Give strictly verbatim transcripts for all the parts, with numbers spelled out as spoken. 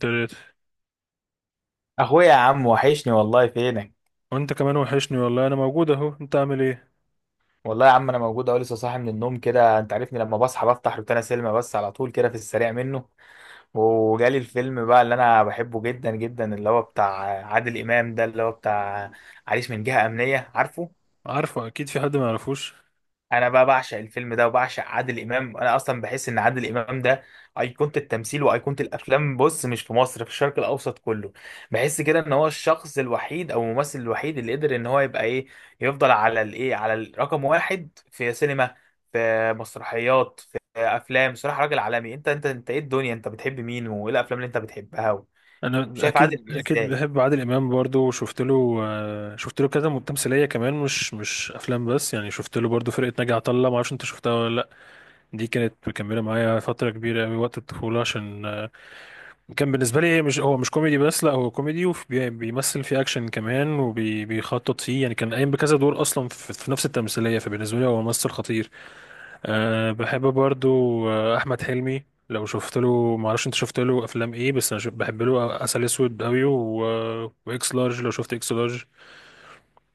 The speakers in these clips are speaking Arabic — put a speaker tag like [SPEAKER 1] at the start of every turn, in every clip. [SPEAKER 1] تلاتة.
[SPEAKER 2] اخويا يا عم وحشني والله فينك.
[SPEAKER 1] وانت كمان وحشني والله، انا موجود اهو. انت عامل ايه؟
[SPEAKER 2] والله يا عم انا موجود اهو، لسه صاحي من النوم كده، انت عارفني لما بصحى بفتح روتانا سينما بس على طول كده في السريع منه. وجالي الفيلم بقى اللي انا بحبه جدا جدا، اللي هو بتاع عادل امام ده، اللي هو بتاع عريس من جهة امنية، عارفه؟
[SPEAKER 1] عارفه، اكيد في حد ما يعرفوش؟
[SPEAKER 2] انا بقى بعشق الفيلم ده وبعشق عادل امام، انا اصلا بحس ان عادل امام ده ايقونه التمثيل وايقونه الافلام، بص، مش في مصر، في الشرق الاوسط كله. بحس كده ان هو الشخص الوحيد او الممثل الوحيد اللي قدر ان هو يبقى ايه، يفضل على الايه، على الرقم واحد في سينما، في مسرحيات، في افلام، صراحه راجل عالمي. انت انت انت ايه الدنيا؟ انت بتحب مين وايه الافلام اللي انت بتحبها؟
[SPEAKER 1] انا
[SPEAKER 2] شايف عادل
[SPEAKER 1] اكيد
[SPEAKER 2] امام
[SPEAKER 1] اكيد
[SPEAKER 2] ازاي؟
[SPEAKER 1] بحب عادل امام برضو، وشفت له آه، شفت له كذا تمثيليه كمان، مش مش افلام بس، يعني شفت له برضو فرقه ناجي عطا الله، ما اعرفش انت شفتها ولا لا. دي كانت مكمله معايا فتره كبيره قوي وقت الطفوله، عشان آه، كان بالنسبه لي مش هو مش كوميدي بس، لا هو كوميدي وبيمثل فيه اكشن كمان وبيخطط فيه، يعني كان قايم بكذا دور اصلا في في نفس التمثيليه، فبالنسبه لي هو ممثل خطير. أه، بحب برضو. آه، احمد حلمي، لو شفت له، ما اعرفش انت شفت له افلام ايه، بس انا شف- بحب له عسل اسود قوي و... واكس لارج، لو شفت اكس لارج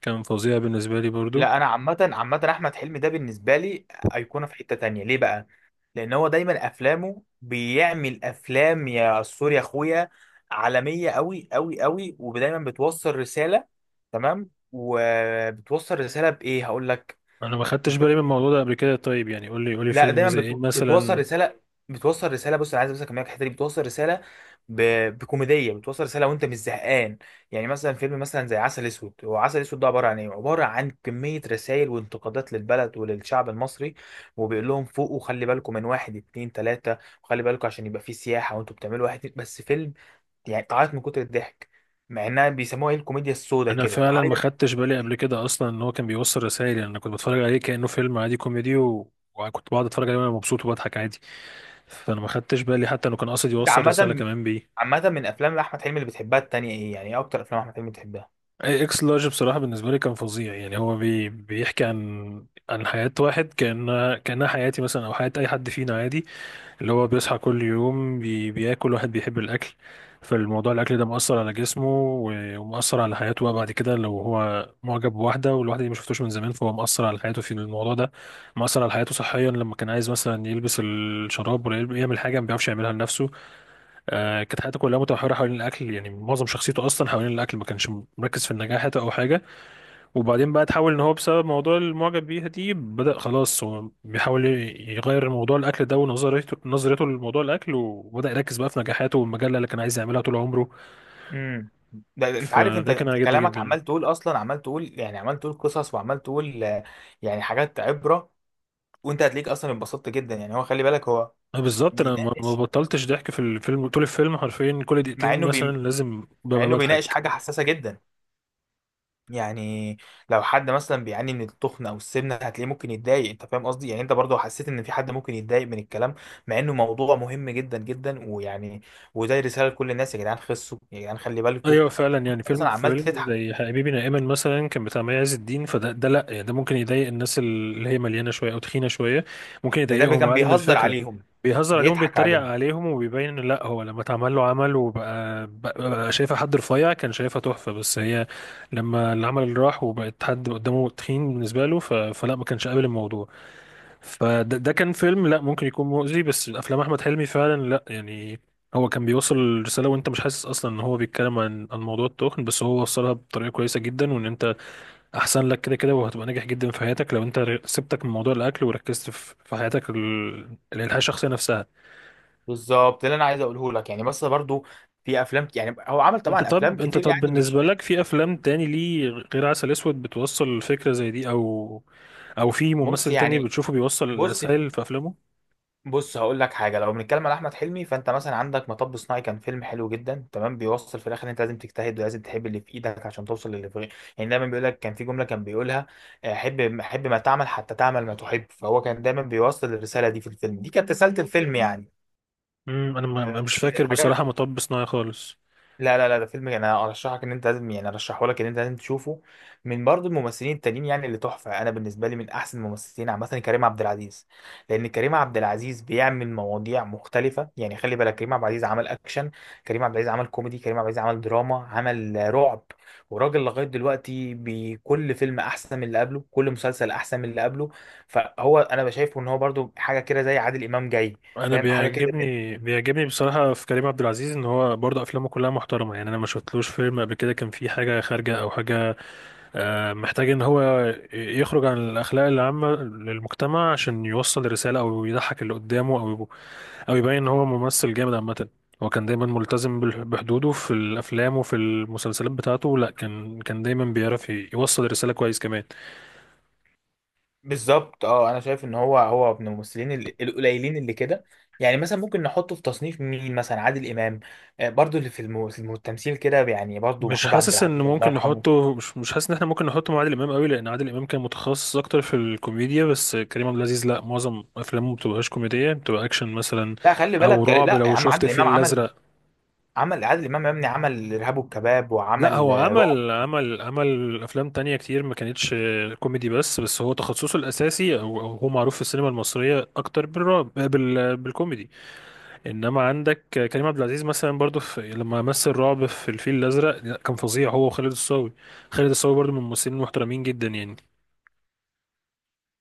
[SPEAKER 1] كان فظيع بالنسبه لي برضو.
[SPEAKER 2] لا، انا عامه عامه احمد حلمي ده بالنسبه لي ايقونه في حته تانية، ليه بقى؟ لان هو دايما افلامه بيعمل افلام يا سوري يا اخويا عالميه قوي قوي قوي، ودايما بتوصل رساله. تمام، وبتوصل رساله بايه؟ هقول لك.
[SPEAKER 1] انا ما خدتش بالي من الموضوع ده قبل كده، طيب يعني قول لي قول لي
[SPEAKER 2] لا،
[SPEAKER 1] فيلم
[SPEAKER 2] دايما
[SPEAKER 1] زي ايه
[SPEAKER 2] بتو... بتوصل
[SPEAKER 1] مثلا؟
[SPEAKER 2] رساله، بتوصل رساله. بص، انا عايز بس اكملك الحته دي، بتوصل رساله ب... بكوميديه، بتوصل رساله وانت مش زهقان. يعني مثلا فيلم مثلا زي عسل اسود، هو عسل اسود ده عباره عن ايه؟ عباره عن كميه رسائل وانتقادات للبلد وللشعب المصري، وبيقول لهم فوقوا، خلي بالكم من واحد اتنين تلاته، وخلي بالكم عشان يبقى في سياحه، وانتوا بتعملوا واحد اتنين، بس فيلم يعني تعيط من كتر الضحك، مع انها بيسموها ايه، الكوميديا السوداء
[SPEAKER 1] انا
[SPEAKER 2] كده،
[SPEAKER 1] فعلا
[SPEAKER 2] تعيط
[SPEAKER 1] ما خدتش
[SPEAKER 2] من
[SPEAKER 1] بالي قبل
[SPEAKER 2] الضحك.
[SPEAKER 1] كده اصلا ان هو كان بيوصل رسائل، يعني انا كنت بتفرج عليه كانه فيلم عادي كوميدي و... وكنت بقعد اتفرج عليه وانا مبسوط وبضحك عادي، فانا ما خدتش بالي حتى انه كان قاصد
[SPEAKER 2] انت
[SPEAKER 1] يوصل رساله
[SPEAKER 2] عامه
[SPEAKER 1] كمان بيه.
[SPEAKER 2] عامه، من افلام احمد حلمي اللي بتحبها التانيه ايه؟ يعني ايه اكتر افلام احمد حلمي بتحبها؟
[SPEAKER 1] اكس لارج بصراحة بالنسبة لي كان فظيع، يعني هو بي بيحكي عن عن حياة واحد، كأن كأنها حياتي مثلا أو حياة أي حد فينا عادي، اللي هو بيصحى كل يوم بي بياكل، واحد بيحب الأكل، فالموضوع الأكل ده مؤثر على جسمه و- ومؤثر على حياته بقى. بعد كده لو هو معجب بواحدة والواحدة دي ما شفتوش من زمان فهو مؤثر على حياته في الموضوع ده، مؤثر على حياته صحيا لما كان عايز مثلا يلبس الشراب ولا يعمل حاجة ما بيعرفش يعملها لنفسه. آه، كانت حياته كلها متمحورة حوالين الأكل، يعني معظم شخصيته أصلا حوالين الأكل، ما كانش مركز في النجاح حتى أو حاجة. وبعدين بقى تحول إن هو بسبب موضوع المعجب بيها دي بدأ خلاص هو بيحاول يغير موضوع الأكل ده ونظريته، نظريته لموضوع الأكل، وبدأ يركز بقى في نجاحاته والمجلة اللي كان عايز يعملها طول عمره،
[SPEAKER 2] امم ده انت عارف، انت
[SPEAKER 1] فده كان
[SPEAKER 2] انت
[SPEAKER 1] عاجبني
[SPEAKER 2] كلامك
[SPEAKER 1] جدا.
[SPEAKER 2] عمال تقول اصلا، عمال تقول يعني، عمال تقول قصص، وعمال تقول آه، يعني حاجات عبره. وانت هتليك اصلا اتبسطت جدا، يعني هو خلي بالك هو
[SPEAKER 1] آه، بالظبط أنا ما ما
[SPEAKER 2] بيناقش،
[SPEAKER 1] بطلتش ضحك في الفيلم طول الفيلم حرفيا، كل
[SPEAKER 2] مع
[SPEAKER 1] دقيقتين
[SPEAKER 2] انه
[SPEAKER 1] مثلا
[SPEAKER 2] بي
[SPEAKER 1] لازم
[SPEAKER 2] مع
[SPEAKER 1] ببقى
[SPEAKER 2] انه بيناقش
[SPEAKER 1] بضحك.
[SPEAKER 2] حاجه حساسه جدا. يعني لو حد مثلا بيعاني من التخن او السمنه هتلاقيه ممكن يتضايق، انت فاهم قصدي؟ يعني انت برضو حسيت ان في حد ممكن يتضايق من الكلام، مع انه موضوع مهم جدا جدا ويعني، وزي رساله لكل الناس، يا جدعان خسوا، يا جدعان خلي بالكم.
[SPEAKER 1] ايوه فعلا، يعني فيلم
[SPEAKER 2] اصلا عمال
[SPEAKER 1] فيلم
[SPEAKER 2] تضحك،
[SPEAKER 1] زي حبيبي نائما مثلا كان بتاع مي عز الدين، فده ده لا يعني، ده ممكن يضايق الناس اللي هي مليانه شويه او تخينه شويه، ممكن
[SPEAKER 2] ان ده بي-
[SPEAKER 1] يضايقهم
[SPEAKER 2] كان
[SPEAKER 1] عادي من
[SPEAKER 2] بيهزر
[SPEAKER 1] الفكره.
[SPEAKER 2] عليهم،
[SPEAKER 1] بيهزر عليهم،
[SPEAKER 2] بيضحك
[SPEAKER 1] بيتريق
[SPEAKER 2] عليهم.
[SPEAKER 1] عليهم، وبيبين ان لا، هو لما اتعمل له عمل وبقى بقى بقى شايفه حد رفيع كان شايفها تحفه، بس هي لما العمل اللي راح وبقت حد قدامه تخين بالنسبه له، ف- فلا، ما كانش قابل الموضوع، فده ده كان فيلم لا ممكن يكون مؤذي. بس الافلام احمد حلمي فعلا لا يعني، هو كان بيوصل الرساله وانت مش حاسس اصلا ان هو بيتكلم عن عن موضوع التخن، بس هو وصلها بطريقه كويسه جدا، وان انت احسن لك كده كده وهتبقى ناجح جدا في حياتك لو انت ر- سبتك من موضوع الاكل وركزت في في حياتك، ال- الحياه الشخصيه نفسها.
[SPEAKER 2] بالظبط، اللي انا عايز اقوله لك يعني، بس برضو في افلام ك- يعني هو عمل
[SPEAKER 1] انت
[SPEAKER 2] طبعا افلام
[SPEAKER 1] طب انت
[SPEAKER 2] كتير،
[SPEAKER 1] طب
[SPEAKER 2] يعني
[SPEAKER 1] بالنسبه
[SPEAKER 2] مش
[SPEAKER 1] لك في افلام تاني ليه غير عسل اسود بتوصل فكره زي دي، او او في
[SPEAKER 2] بص
[SPEAKER 1] ممثل تاني
[SPEAKER 2] يعني،
[SPEAKER 1] بتشوفه بيوصل
[SPEAKER 2] بص،
[SPEAKER 1] رسائل في افلامه؟
[SPEAKER 2] بص هقول لك حاجه. لو بنتكلم على احمد حلمي فانت مثلا عندك مطب صناعي، كان فيلم حلو جدا، تمام، بيوصل في الاخر إن انت لازم تجتهد ولازم تحب اللي في ايدك عشان توصل للي في غيرك. يعني دايما بيقول لك، كان في جمله كان بيقولها آه، حب حب ما تعمل حتى تعمل ما تحب، فهو كان دايما بيوصل الرساله دي في الفيلم، دي كانت رساله الفيلم يعني.
[SPEAKER 1] امم انا ما-
[SPEAKER 2] آه،
[SPEAKER 1] ما- مش
[SPEAKER 2] من
[SPEAKER 1] فاكر بصراحه
[SPEAKER 2] الحاجات،
[SPEAKER 1] مطب صناعي خالص.
[SPEAKER 2] لا لا لا، ده فيلم يعني انا ارشحك ان انت لازم، يعني ارشحه لك ان انت لازم تشوفه. من برضو الممثلين التانيين يعني اللي تحفه، انا بالنسبه لي من احسن الممثلين عامه كريم عبد العزيز، لان كريم عبد العزيز بيعمل مواضيع مختلفه، يعني خلي بالك كريم عبد العزيز عمل اكشن، كريم عبد العزيز عمل كوميدي، كريم عبد العزيز عمل دراما، عمل رعب، وراجل لغايه دلوقتي بكل فيلم احسن من اللي قبله، كل مسلسل احسن من اللي قبله. فهو انا بشايفه ان هو برضو حاجه كده زي عادل امام جاي.
[SPEAKER 1] انا
[SPEAKER 2] فاهم حاجه كده.
[SPEAKER 1] بيعجبني بيعجبني بصراحه في كريم عبد العزيز ان هو برضه افلامه كلها محترمه، يعني انا ما شفتلوش فيلم قبل كده كان فيه حاجه خارجه او حاجه آه، محتاج ان هو يخرج عن الاخلاق العامه للمجتمع عشان يوصل رساله او يضحك اللي قدامه او او يبين ان هو ممثل جامد عامه. هو كان دايما ملتزم بال- بحدوده في الافلام وفي المسلسلات بتاعته، لا كان كان دايما بيعرف يوصل الرساله كويس كمان.
[SPEAKER 2] بالظبط، اه انا شايف ان هو، هو من الممثلين ال- القليلين اللي كده، يعني مثلا ممكن نحطه في تصنيف مين، مثلا عادل امام، آه، برضو اللي في الم- في الم- التمثيل كده يعني، برضو
[SPEAKER 1] مش
[SPEAKER 2] محمود عبد
[SPEAKER 1] حاسس ان
[SPEAKER 2] العزيز الله
[SPEAKER 1] ممكن
[SPEAKER 2] يرحمه.
[SPEAKER 1] نحطه مش مش حاسس ان احنا ممكن نحطه مع عادل امام قوي، لان عادل امام كان متخصص اكتر في الكوميديا، بس كريم عبد العزيز لا، معظم افلامه ما بتبقاش كوميديه، بتبقى اكشن مثلا
[SPEAKER 2] لا خلي
[SPEAKER 1] او
[SPEAKER 2] بالك،
[SPEAKER 1] رعب،
[SPEAKER 2] لا يا
[SPEAKER 1] لو
[SPEAKER 2] عم،
[SPEAKER 1] شفت
[SPEAKER 2] عادل امام
[SPEAKER 1] الفيل
[SPEAKER 2] عمل
[SPEAKER 1] الازرق.
[SPEAKER 2] عمل عادل امام يا ابني عمل ارهاب والكباب،
[SPEAKER 1] لا،
[SPEAKER 2] وعمل
[SPEAKER 1] هو
[SPEAKER 2] آه، رعب.
[SPEAKER 1] عمل عمل عمل افلام تانية كتير ما كانتش كوميدي بس بس هو تخصصه الاساسي، او أو هو معروف في السينما المصريه اكتر بالرعب بال بالكوميدي. انما عندك كريم عبد العزيز مثلا برضو، في لما مثل رعب في الفيل الازرق، لا، كان فظيع هو وخالد الصاوي. خالد الصاوي برضو من الممثلين المحترمين جدا يعني.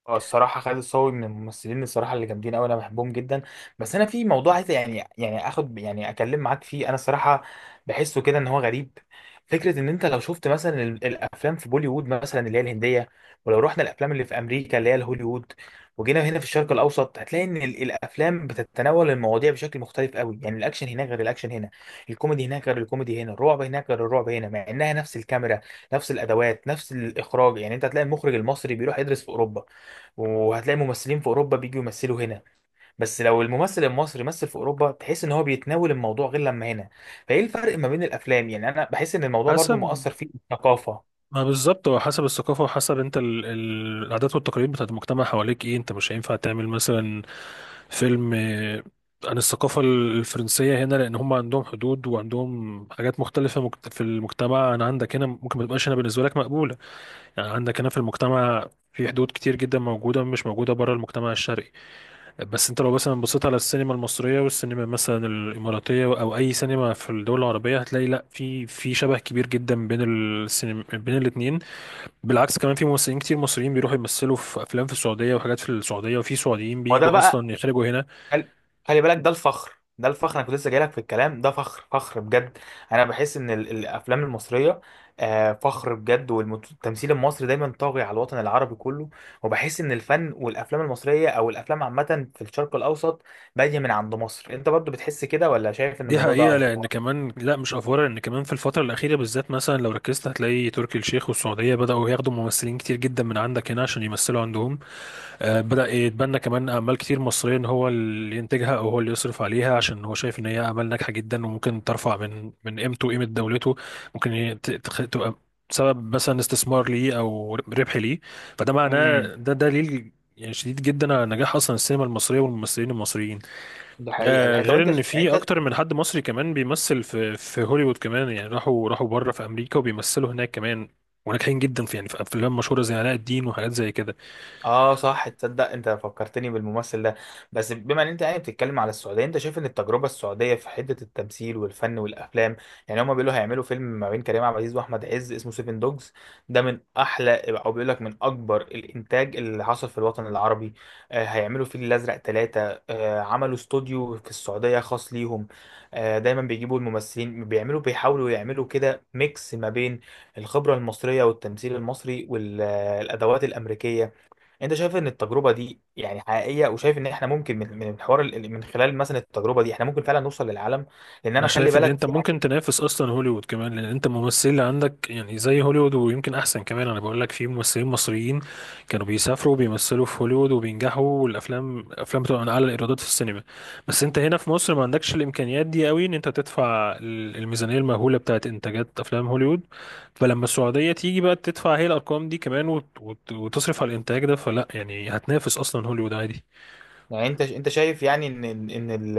[SPEAKER 2] اه الصراحة خالد الصاوي من الممثلين، الصراحة اللي جامدين أوي أنا بحبهم جدا. بس أنا في موضوع عايز يعني، يعني آخد، يعني أكلم معاك فيه، أنا الصراحة بحسه كده إن هو غريب. فكرة إن أنت لو شفت مثلا ال- الأفلام في بوليوود مثلا اللي هي الهندية، ولو رحنا الأفلام اللي في أمريكا اللي هي الهوليوود، وجينا هنا في الشرق الأوسط، هتلاقي إن ال- الأفلام بتتناول المواضيع بشكل مختلف أوي. يعني الأكشن هناك غير الأكشن هنا، الكوميدي هناك غير الكوميدي هنا، الرعب هناك غير الرعب هنا، مع إنها نفس الكاميرا، نفس الأدوات، نفس الإخراج. يعني أنت هتلاقي المخرج المصري بيروح يدرس في أوروبا، وهتلاقي ممثلين في اوروبا بيجوا يمثلوا هنا. بس لو الممثل المصري مثل في اوروبا تحس ان هو بيتناول الموضوع غير لما هنا، فايه الفرق ما بين الافلام؟ يعني انا بحس ان الموضوع برضو
[SPEAKER 1] حسب
[SPEAKER 2] مؤثر فيه الثقافه.
[SPEAKER 1] ما، بالظبط، هو حسب الثقافة وحسب انت ال... ال... العادات والتقاليد بتاعت المجتمع حواليك، ايه، انت مش هينفع تعمل مثلا فيلم آه، عن الثقافة الفرنسية هنا، لأن هم عندهم حدود وعندهم حاجات مختلفة مجت- في المجتمع عن عندك هنا، ممكن ما تبقاش هنا بالنسبة لك مقبولة. يعني عندك هنا في المجتمع في حدود كتير جدا موجودة مش موجودة بره المجتمع الشرقي، بس انت لو مثلا بصيت على السينما المصرية والسينما مثلا الإماراتية أو أي سينما في الدول العربية، هتلاقي لا، في في شبه كبير جدا بين السينما بين الاتنين. بالعكس كمان، في ممثلين كتير مصريين بيروحوا يمثلوا في أفلام في السعودية وحاجات في السعودية، وفي سعوديين
[SPEAKER 2] وده
[SPEAKER 1] بيجوا
[SPEAKER 2] بقى،
[SPEAKER 1] أصلا يخرجوا هنا.
[SPEAKER 2] خل- خلي بالك ده الفخر، ده الفخر، انا كنت لسه جايلك في الكلام ده، فخر فخر بجد. انا بحس ان ال- الافلام المصريه آه، فخر بجد، والتمثيل المصري دايما طاغي على الوطن العربي كله. وبحس ان الفن والافلام المصريه او الافلام عامه في الشرق الاوسط باديه من عند مصر، انت برضو بتحس كده ولا شايف ان
[SPEAKER 1] دي
[SPEAKER 2] الموضوع ده
[SPEAKER 1] حقيقة، لأن
[SPEAKER 2] افوار؟
[SPEAKER 1] كمان لا، مش أفورة، لأن كمان في الفترة الأخيرة بالذات مثلا لو ركزت هتلاقي تركي الشيخ والسعودية بدأوا ياخدوا ممثلين كتير جدا من عندك هنا عشان يمثلوا عندهم. آه، بدأ يتبنى كمان أعمال كتير مصرية إن هو اللي ينتجها أو هو اللي يصرف عليها، عشان هو شايف إن هي أعمال ناجحة جدا وممكن ترفع من من قيمته وقيمة دولته، ممكن ي- ت- تخ- تبقى سبب مثلا استثمار ليه أو ربح ليه، فده
[SPEAKER 2] امم
[SPEAKER 1] معناه، ده دليل يعني شديد جدا على نجاح أصلا السينما المصرية والممثلين المصريين.
[SPEAKER 2] ده حقيقه، ده
[SPEAKER 1] آه،
[SPEAKER 2] حقيقة. طب
[SPEAKER 1] غير إن
[SPEAKER 2] انت يعني
[SPEAKER 1] في
[SPEAKER 2] انت.
[SPEAKER 1] أكتر من حد مصري كمان بيمثل في في هوليوود كمان، يعني راحوا راحوا بره في أمريكا وبيمثلوا هناك كمان، وناجحين جدا في، يعني في أفلام مشهورة زي علاء الدين وحاجات زي كده.
[SPEAKER 2] اه صح، تصدق انت فكرتني بالممثل ده، بس بما ان انت يعني بتتكلم على السعوديه، انت شايف ان التجربه السعوديه في حته التمثيل والفن والافلام؟ يعني هما بيقولوا هيعملوا فيلم ما بين كريم عبد العزيز واحمد عز اسمه سيفن دوجز، ده من احلى او بيقول لك من اكبر الانتاج اللي حصل في الوطن العربي. آه هيعملوا فيل الازرق ثلاثه، آه عملوا استوديو في السعوديه خاص ليهم. آه دايما بيجيبوا الممثلين، بيعملوا بيحاولوا يعملوا كده ميكس ما بين الخبره المصريه والتمثيل المصري والادوات الامريكيه. انت شايف ان التجربه دي يعني حقيقيه؟ وشايف ان احنا ممكن من من الحوار ال- من خلال مثلا التجربه دي احنا ممكن فعلا نوصل للعالم؟ لان انا
[SPEAKER 1] انا
[SPEAKER 2] خلي
[SPEAKER 1] شايف ان
[SPEAKER 2] بالك
[SPEAKER 1] انت
[SPEAKER 2] في حاجه.
[SPEAKER 1] ممكن تنافس اصلا هوليوود كمان، لان انت الممثلين اللي عندك يعني زي هوليوود ويمكن احسن كمان. انا بقول لك في ممثلين مصريين كانوا بيسافروا وبيمثلوا في هوليوود وبينجحوا، والافلام الافلام بتبقى من اعلى الايرادات في السينما. بس انت هنا في مصر ما عندكش الامكانيات دي قوي ان انت تدفع ال- الميزانيه المهوله بتاعت انتاجات افلام هوليوود، فلما السعوديه تيجي بقى تدفع هي الارقام دي كمان وت- وت- وتصرف على الانتاج ده، فلا يعني هتنافس اصلا هوليوود عادي.
[SPEAKER 2] يعني انت، انت شايف يعني ان ان ان ال-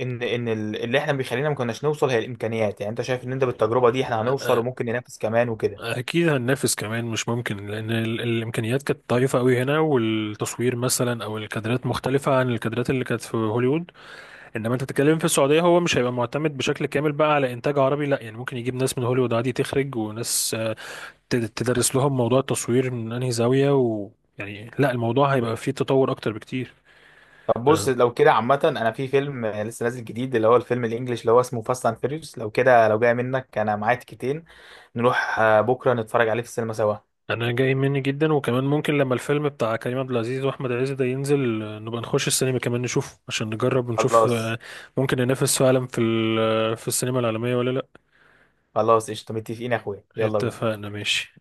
[SPEAKER 2] ان ان ال- اللي احنا بيخلينا ما كناش نوصل هي الامكانيات، يعني انت شايف ان انت بالتجربه دي احنا هنوصل وممكن ننافس كمان وكده؟
[SPEAKER 1] اكيد هننافس كمان، مش ممكن، لان ال- الامكانيات كانت ضعيفه قوي هنا، والتصوير مثلا او الكادرات مختلفه عن الكادرات اللي كانت في هوليوود، انما انت بتتكلم في السعوديه، هو مش هيبقى معتمد بشكل كامل بقى على انتاج عربي، لا يعني ممكن يجيب ناس من هوليوود عادي تخرج، وناس آه، ت- تدرس لهم موضوع التصوير من انهي زاويه، ويعني لا، الموضوع هيبقى فيه تطور اكتر بكتير.
[SPEAKER 2] طب بص لو كده عامه، انا في فيلم لسه نازل جديد اللي هو الفيلم الانجليش اللي هو اسمه فاست اند فيريوس، لو كده لو جاي منك انا معايا تيكتين نروح آه، بكره نتفرج عليه في السينما سوا.
[SPEAKER 1] انا جاي مني جدا، وكمان ممكن لما الفيلم بتاع كريم عبد العزيز واحمد عز ده ينزل، آه، نبقى نخش السينما كمان نشوفه عشان نجرب ونشوف
[SPEAKER 2] خلاص
[SPEAKER 1] آه، ممكن ننافس فعلا في ال- آه، في السينما العالمية ولا لا.
[SPEAKER 2] خلاص، قشطه، متفقين يا اخويا، يلا بينا.
[SPEAKER 1] اتفقنا، ماشي.